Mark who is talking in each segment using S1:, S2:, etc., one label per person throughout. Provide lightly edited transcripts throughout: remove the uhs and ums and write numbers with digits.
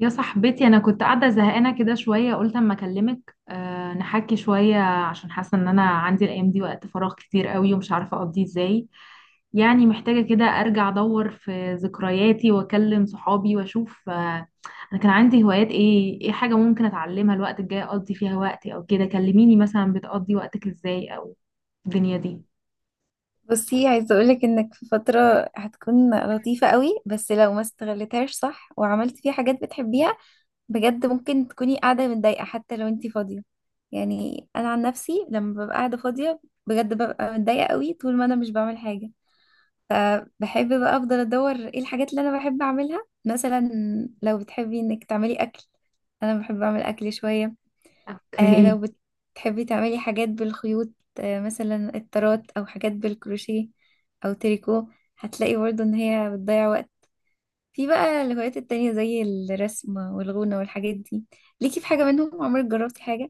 S1: يا صاحبتي انا كنت قاعده زهقانه كده شويه، قلت اما اكلمك، أه نحكي شويه عشان حاسه ان انا عندي الايام دي وقت فراغ كتير قوي ومش عارفه اقضيه ازاي. يعني محتاجه كده ارجع ادور في ذكرياتي واكلم صحابي واشوف، انا كان عندي هوايات ايه، ايه حاجه ممكن اتعلمها الوقت الجاي اقضي فيها وقتي او كده. كلميني مثلا بتقضي وقتك ازاي، او الدنيا دي.
S2: بصي، عايزة اقولك انك في فترة هتكون لطيفة قوي، بس لو ما استغلتهاش صح وعملت فيها حاجات بتحبيها بجد ممكن تكوني قاعدة متضايقة حتى لو انتي فاضية. يعني انا عن نفسي لما ببقى قاعدة فاضية بجد ببقى متضايقة قوي طول ما انا مش بعمل حاجة. فبحب بقى افضل ادور ايه الحاجات اللي انا بحب اعملها. مثلا لو بتحبي انك تعملي اكل، انا بحب اعمل اكل شوية.
S1: اوكي.
S2: لو بتحبي تعملي حاجات بالخيوط، مثلا الطرات او حاجات بالكروشيه او تريكو، هتلاقي برضو ان هي بتضيع وقت. في بقى الهوايات التانية زي الرسم والغونة والحاجات دي، ليكي في حاجة منهم؟ عمرك جربتي حاجة؟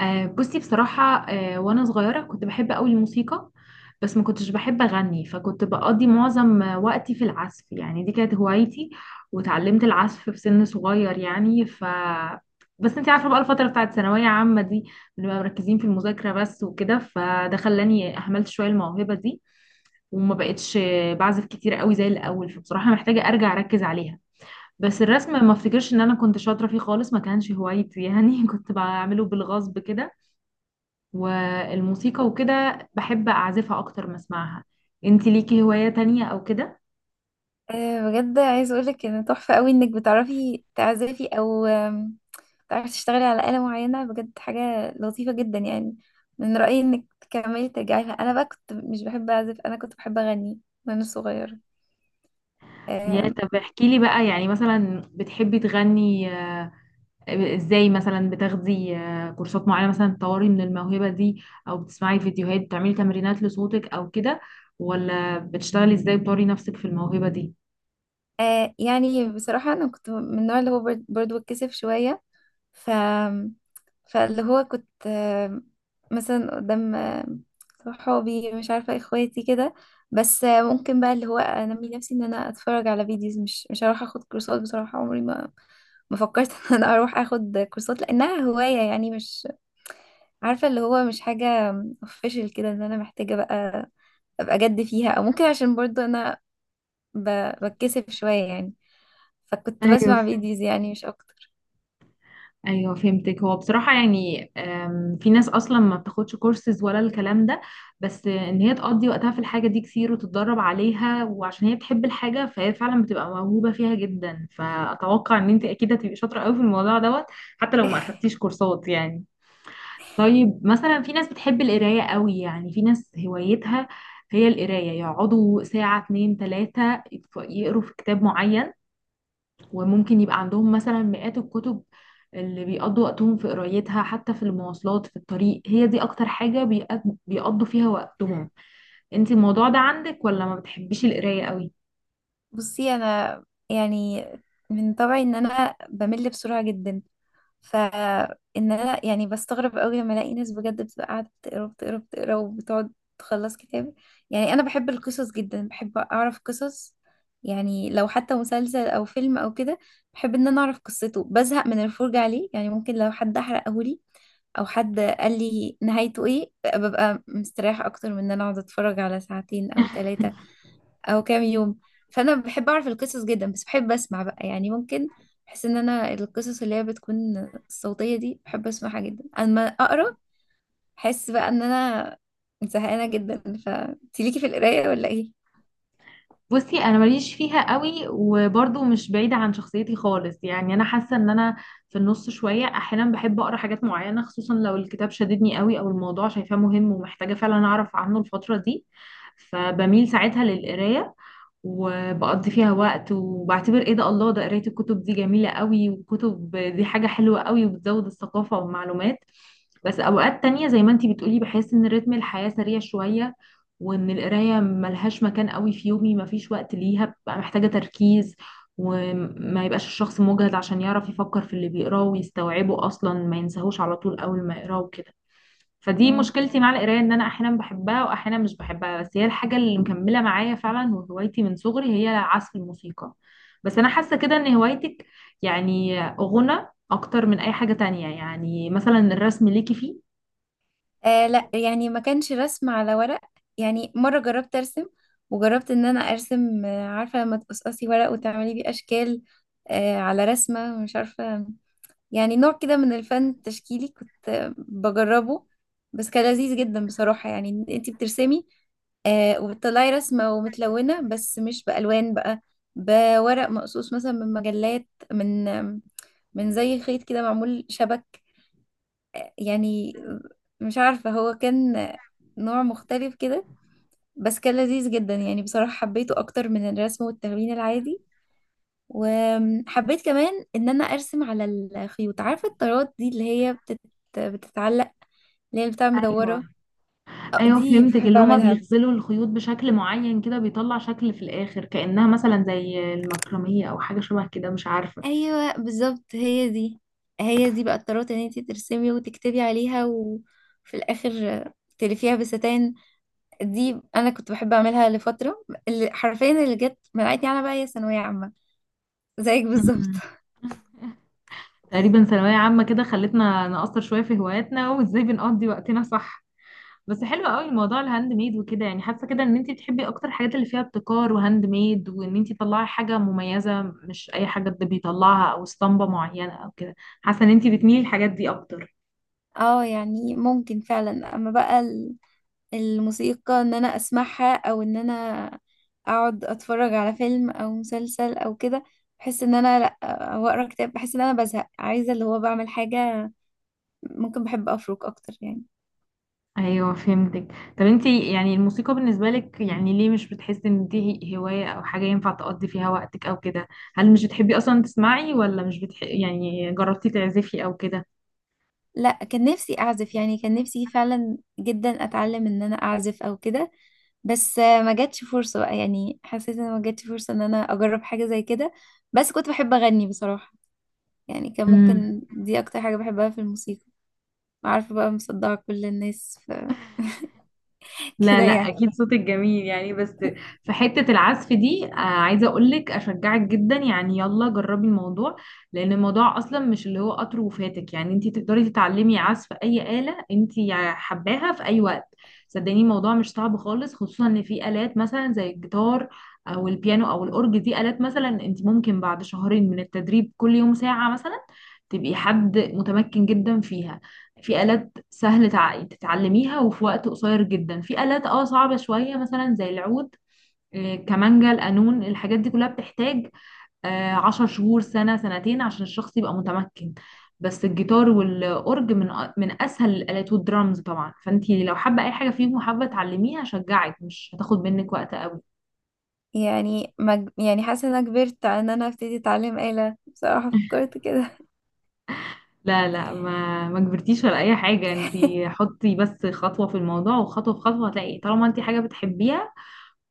S1: بصي، بصراحة وأنا صغيرة كنت بحب أوي الموسيقى، بس ما كنتش بحب أغني، فكنت بقضي معظم وقتي في العزف، يعني دي كانت هوايتي وتعلمت العزف في سن صغير يعني ف. بس انت عارفة بقى الفترة بتاعت ثانوية عامة دي بنبقى مركزين في المذاكرة بس وكده، فده خلاني أهملت شوية الموهبة دي وما بقتش بعزف كتير قوي زي الأول، فبصراحة محتاجة أرجع أركز عليها. بس الرسم ما افتكرش ان انا كنت شاطرة فيه خالص، ما كانش هوايتي يعني كنت بعمله بالغصب كده. والموسيقى وكده بحب اعزفها اكتر ما اسمعها. انت ليكي هواية تانية او كده؟
S2: آه، بجد عايز اقولك ان تحفة قوي انك بتعرفي تعزفي، او بتعرفي تشتغلي على آلة معينة، بجد حاجة لطيفة جدا يعني. من رأيي انك تكملي ترجعي لها. انا بقى كنت مش بحب اعزف، انا كنت بحب اغني وانا
S1: يا
S2: صغيرة.
S1: طب احكي لي بقى، يعني مثلا بتحبي تغني، ازاي؟ مثلا بتاخدي كورسات معينة مثلا تطوري من الموهبة دي، او بتسمعي فيديوهات بتعملي تمرينات لصوتك او كده؟ ولا بتشتغلي ازاي بتطوري نفسك في الموهبة دي؟
S2: آه يعني بصراحة أنا كنت من النوع اللي هو برضو بتكسف شوية. ف فاللي هو كنت مثلا قدام صحابي، مش عارفة اخواتي كده. بس ممكن بقى اللي هو أنمي نفسي إن أنا أتفرج على فيديوز، مش هروح أخد كورسات. بصراحة عمري ما فكرت إن أنا أروح أخد كورسات لأنها هواية، يعني مش عارفة اللي هو مش حاجة official كده إن أنا محتاجة بقى أبقى جد فيها. أو ممكن عشان برضو أنا بتكسف شوية يعني. فكنت
S1: ايوه،
S2: بسمع فيديوز يعني مش اكتر.
S1: ايوه فهمتك. هو بصراحه يعني في ناس اصلا ما بتاخدش كورسز ولا الكلام ده، بس ان هي تقضي وقتها في الحاجه دي كتير وتتدرب عليها وعشان هي بتحب الحاجه فهي فعلا بتبقى موهوبه فيها جدا، فاتوقع ان انت اكيد هتبقي شاطره قوي في الموضوع دوت، حتى لو ما اخدتيش كورسات يعني. طيب مثلا في ناس بتحب القرايه قوي، يعني في ناس هوايتها هي القرايه، يقعدوا ساعه اتنين تلاته يقروا في كتاب معين، وممكن يبقى عندهم مثلا مئات الكتب اللي بيقضوا وقتهم في قرايتها، حتى في المواصلات في الطريق هي دي اكتر حاجة بيقضوا فيها وقتهم. انت الموضوع ده عندك ولا ما بتحبيش القراية قوي؟
S2: بصي، انا يعني من طبعي ان انا بمل بسرعة جدا. فان انا يعني بستغرب قوي لما الاقي ناس بجد بتبقى قاعده بتقرا بتقرا بتقرا وبتقعد تخلص كتاب. يعني انا بحب القصص جدا، بحب اعرف قصص. يعني لو حتى مسلسل او فيلم او كده بحب ان انا اعرف قصته، بزهق من الفرجه عليه. يعني ممكن لو حد احرقه لي او حد قال لي نهايته ايه، ببقى مستريحه اكتر من ان انا اقعد اتفرج على ساعتين او ثلاثه او كام يوم. فانا بحب اعرف القصص جدا، بس بحب اسمع بقى. يعني ممكن بحس ان انا القصص اللي هي بتكون الصوتية دي بحب اسمعها جدا. اما اقرا احس بقى ان انا زهقانة جدا. فانتي ليكي في القراية ولا ايه؟
S1: بصي انا ماليش فيها قوي وبرضه مش بعيدة عن شخصيتي خالص، يعني انا حاسة ان انا في النص شوية. احيانا بحب اقرا حاجات معينة خصوصا لو الكتاب شددني قوي، او الموضوع شايفاه مهم ومحتاجة فعلا اعرف عنه الفترة دي، فبميل ساعتها للقراية وبقضي فيها وقت وبعتبر ايه ده، الله، ده قراية الكتب دي جميلة قوي، والكتب دي حاجة حلوة قوي وبتزود الثقافة والمعلومات. بس اوقات تانية زي ما انتي بتقولي بحس ان رتم الحياة سريع شوية، وان القراية ملهاش مكان قوي في يومي، مفيش وقت ليها، ببقى محتاجة تركيز وما يبقاش الشخص مجهد عشان يعرف يفكر في اللي بيقراه ويستوعبه، اصلا ما ينساهوش على طول اول ما يقراه وكده. فدي
S2: امم.
S1: مشكلتي مع القرايه، ان انا احيانا بحبها واحيانا مش بحبها، بس هي الحاجه اللي مكمله معايا فعلا وهوايتي من صغري هي عزف الموسيقى. بس انا حاسه كده ان هوايتك يعني غنى اكتر من اي حاجه تانية. يعني مثلا الرسم ليكي فيه؟
S2: آه لا، يعني ما كانش رسم على ورق. يعني مرة جربت ارسم، وجربت ان انا ارسم، عارفة لما تقصقصي ورق وتعملي بيه اشكال على رسمة، مش عارفة. يعني نوع كده من الفن التشكيلي كنت بجربه، بس كان لذيذ جدا بصراحة. يعني إن انتي بترسمي وبتطلعي رسمة ومتلونة، بس مش بألوان بقى، بورق مقصوص، مثلا من مجلات، من زي خيط كده معمول شبك. يعني مش عارفة هو كان نوع مختلف كده، بس كان لذيذ جدا يعني. بصراحة حبيته أكتر من الرسم والتلوين العادي. وحبيت كمان ان انا ارسم على الخيوط، عارفه الطرات دي اللي هي بتتعلق، اللي هي بتاع
S1: ايوه،
S2: مدوره.
S1: ايوه
S2: دي
S1: فهمتك،
S2: بحب
S1: اللي هما
S2: اعملها.
S1: بيغزلوا الخيوط بشكل معين كده بيطلع شكل في الاخر، كانها مثلا زي المكرميه او حاجه شبه كده مش عارفه.
S2: ايوه بالظبط، هي دي. هي دي بقى الطرات، ان انتي ترسمي وتكتبي عليها وفي الاخر تلفيها بستان. دي انا كنت بحب اعملها لفتره، اللي حرفيا اللي جت منعتني انا بقى هي ثانويه عامه، زيك بالظبط.
S1: مم. تقريبا ثانويه عامه كده خلتنا نقصر شويه في هواياتنا وازاي بنقضي وقتنا، صح؟ بس حلو قوي موضوع الهاند ميد وكده، يعني حاسه كده ان انت بتحبي اكتر الحاجات اللي فيها ابتكار وهاند ميد، وان انت تطلعي حاجه مميزه مش اي حاجه حد بيطلعها او اسطمبه معينه او كده. حاسه ان انت بتميلي الحاجات دي اكتر.
S2: اه يعني ممكن فعلا، اما بقى الموسيقى ان انا اسمعها او ان انا اقعد اتفرج على فيلم او مسلسل او كده، بحس ان انا لا. او اقرا كتاب بحس ان انا بزهق، عايزه اللي هو بعمل حاجه. ممكن بحب افرك اكتر يعني.
S1: ايوه فهمتك. طب انت يعني الموسيقى بالنسبه لك يعني ليه مش بتحسي ان دي هوايه او حاجه ينفع تقضي فيها وقتك او كده؟ هل مش بتحبي اصلا تسمعي، ولا مش بتح... يعني جربتي تعزفي او
S2: لا، كان نفسي اعزف، يعني كان نفسي فعلا جدا اتعلم ان انا اعزف او كده، بس ما جاتش فرصه بقى. يعني حسيت ان ما جاتش فرصه ان انا اجرب حاجه زي كده. بس كنت بحب اغني بصراحه، يعني كان
S1: كده؟
S2: ممكن دي اكتر حاجه بحبها في الموسيقى. عارفه بقى مصدعه كل الناس
S1: لا
S2: كده
S1: لا،
S2: يعني.
S1: اكيد صوتك جميل يعني. بس في حتة العزف دي عايزة اقولك اشجعك جدا، يعني يلا جربي الموضوع، لان الموضوع اصلا مش اللي هو قطر وفاتك، يعني انتي تقدري تتعلمي عزف اي آلة انتي حباها في اي وقت. صدقيني الموضوع مش صعب خالص، خصوصا ان في آلات مثلا زي الجيتار او البيانو او الاورج، دي آلات مثلا انتي ممكن بعد شهرين من التدريب كل يوم ساعة مثلا تبقي حد متمكن جدا فيها. في آلات سهل تتعلميها وفي وقت قصير جدا، في آلات اه صعبة شوية مثلا زي العود، كمانجا، القانون، الحاجات دي كلها بتحتاج عشر شهور، سنة، سنتين عشان الشخص يبقى متمكن. بس الجيتار والأورج من من أسهل الآلات، والدرامز طبعا، فأنتي لو حابة أي حاجة فيهم وحابة تعلميها أشجعك، مش هتاخد منك وقت.
S2: يعني يعني حاسة ان انا كبرت على ان انا ابتدي اتعلم آلة، بصراحة فكرت كده.
S1: لا لا، ما كبرتيش ولا اي حاجه، انتي حطي بس خطوه في الموضوع وخطوه في خطوه هتلاقي، طالما انتي حاجه بتحبيها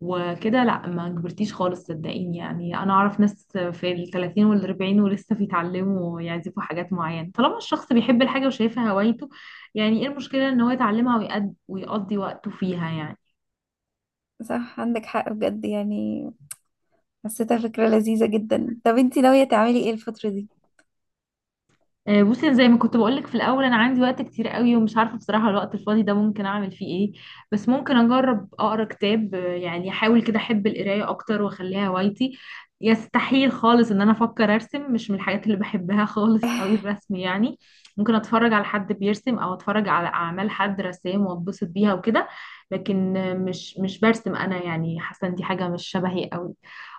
S1: وكده، لا ما كبرتيش خالص صدقيني. يعني انا اعرف ناس في الثلاثين والاربعين ولسه بيتعلموا يعزفوا حاجات معينه، طالما الشخص بيحب الحاجه وشايفها هوايته يعني ايه المشكله ان هو يتعلمها ويقضي وقته فيها يعني.
S2: صح عندك حق بجد يعني، حسيتها فكرة لذيذة جدا. طب انتي ناوية تعملي ايه الفترة دي؟
S1: بصي أنا زي ما كنت بقولك في الاول انا عندي وقت كتير قوي ومش عارفه بصراحه الوقت الفاضي ده ممكن اعمل فيه ايه. بس ممكن اجرب اقرا كتاب، يعني احاول كده احب القرايه اكتر واخليها هوايتي. يستحيل خالص ان انا افكر ارسم، مش من الحاجات اللي بحبها خالص قوي الرسم يعني. ممكن اتفرج على حد بيرسم او اتفرج على اعمال حد رسام واتبسط بيها وكده، لكن مش برسم انا، يعني حاسه إن دي حاجه مش شبهي قوي.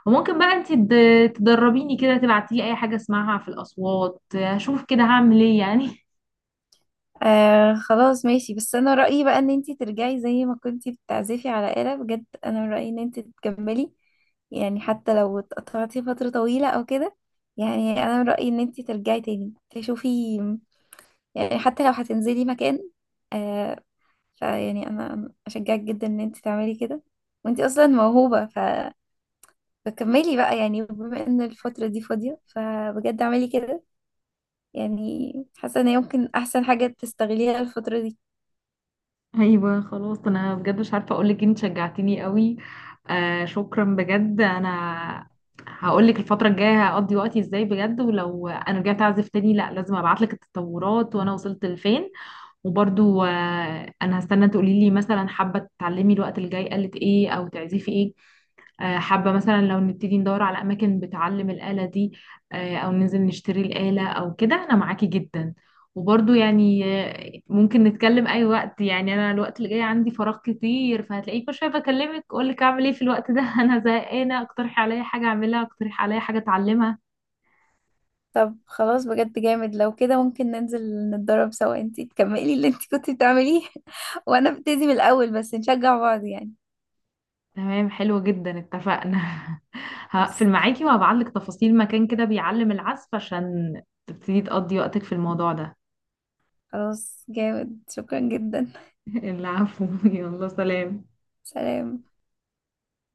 S1: وممكن بقى انت تدربيني كده، تبعتيلي اي حاجة اسمعها في الاصوات هشوف كده هعمل ايه يعني.
S2: آه خلاص ماشي، بس انا رأيي بقى ان انتي ترجعي زي ما كنتي بتعزفي على آلة، بجد انا رأيي ان انتي تكملي، يعني حتى لو اتقطعتي فترة طويلة او كده. يعني انا رأيي ان انتي ترجعي تاني تشوفي، يعني حتى لو هتنزلي مكان، آه، فيعني انا اشجعك جدا ان انت تعملي كده. وانت اصلا موهوبة فكملي بقى يعني، بما ان الفترة دي فاضية فبجد اعملي كده. يعني حاسة ان هي ممكن احسن حاجة تستغليها الفترة دي.
S1: ايوه خلاص، انا بجد مش عارفة اقولك، انت شجعتيني قوي. آه شكرا بجد. انا هقولك الفترة الجاية هقضي وقتي ازاي بجد، ولو انا رجعت اعزف تاني لا لازم ابعتلك التطورات وانا وصلت لفين. وبرضو آه انا هستنى تقوليلي مثلا حابة تتعلمي الوقت الجاي قالت ايه او تعزفي ايه. حابة مثلا لو نبتدي ندور على أماكن بتعلم الآلة دي، أو ننزل نشتري الآلة أو كده، أنا معاكي جدا. وبرضو يعني ممكن نتكلم أي وقت، يعني أنا الوقت اللي جاي عندي فراغ كتير، فهتلاقيك كل شوية بكلمك أقولك أعمل إيه في الوقت ده. أنا زهقانة، اقترحي عليا حاجة أعملها، اقترحي عليا حاجة أتعلمها.
S2: طب خلاص بجد جامد، لو كده ممكن ننزل نتدرب سوا، انت تكملي اللي انت كنت بتعمليه وانا ابتدي من الاول، بس نشجع بعض يعني.
S1: تمام، حلو جدا، اتفقنا. هقفل
S2: بس
S1: معاكي وهبعتلك تفاصيل مكان كده بيعلم العزف عشان تبتدي تقضي وقتك في الموضوع ده.
S2: خلاص جامد، شكرا جدا.
S1: العفو، يلا سلام.
S2: سلام.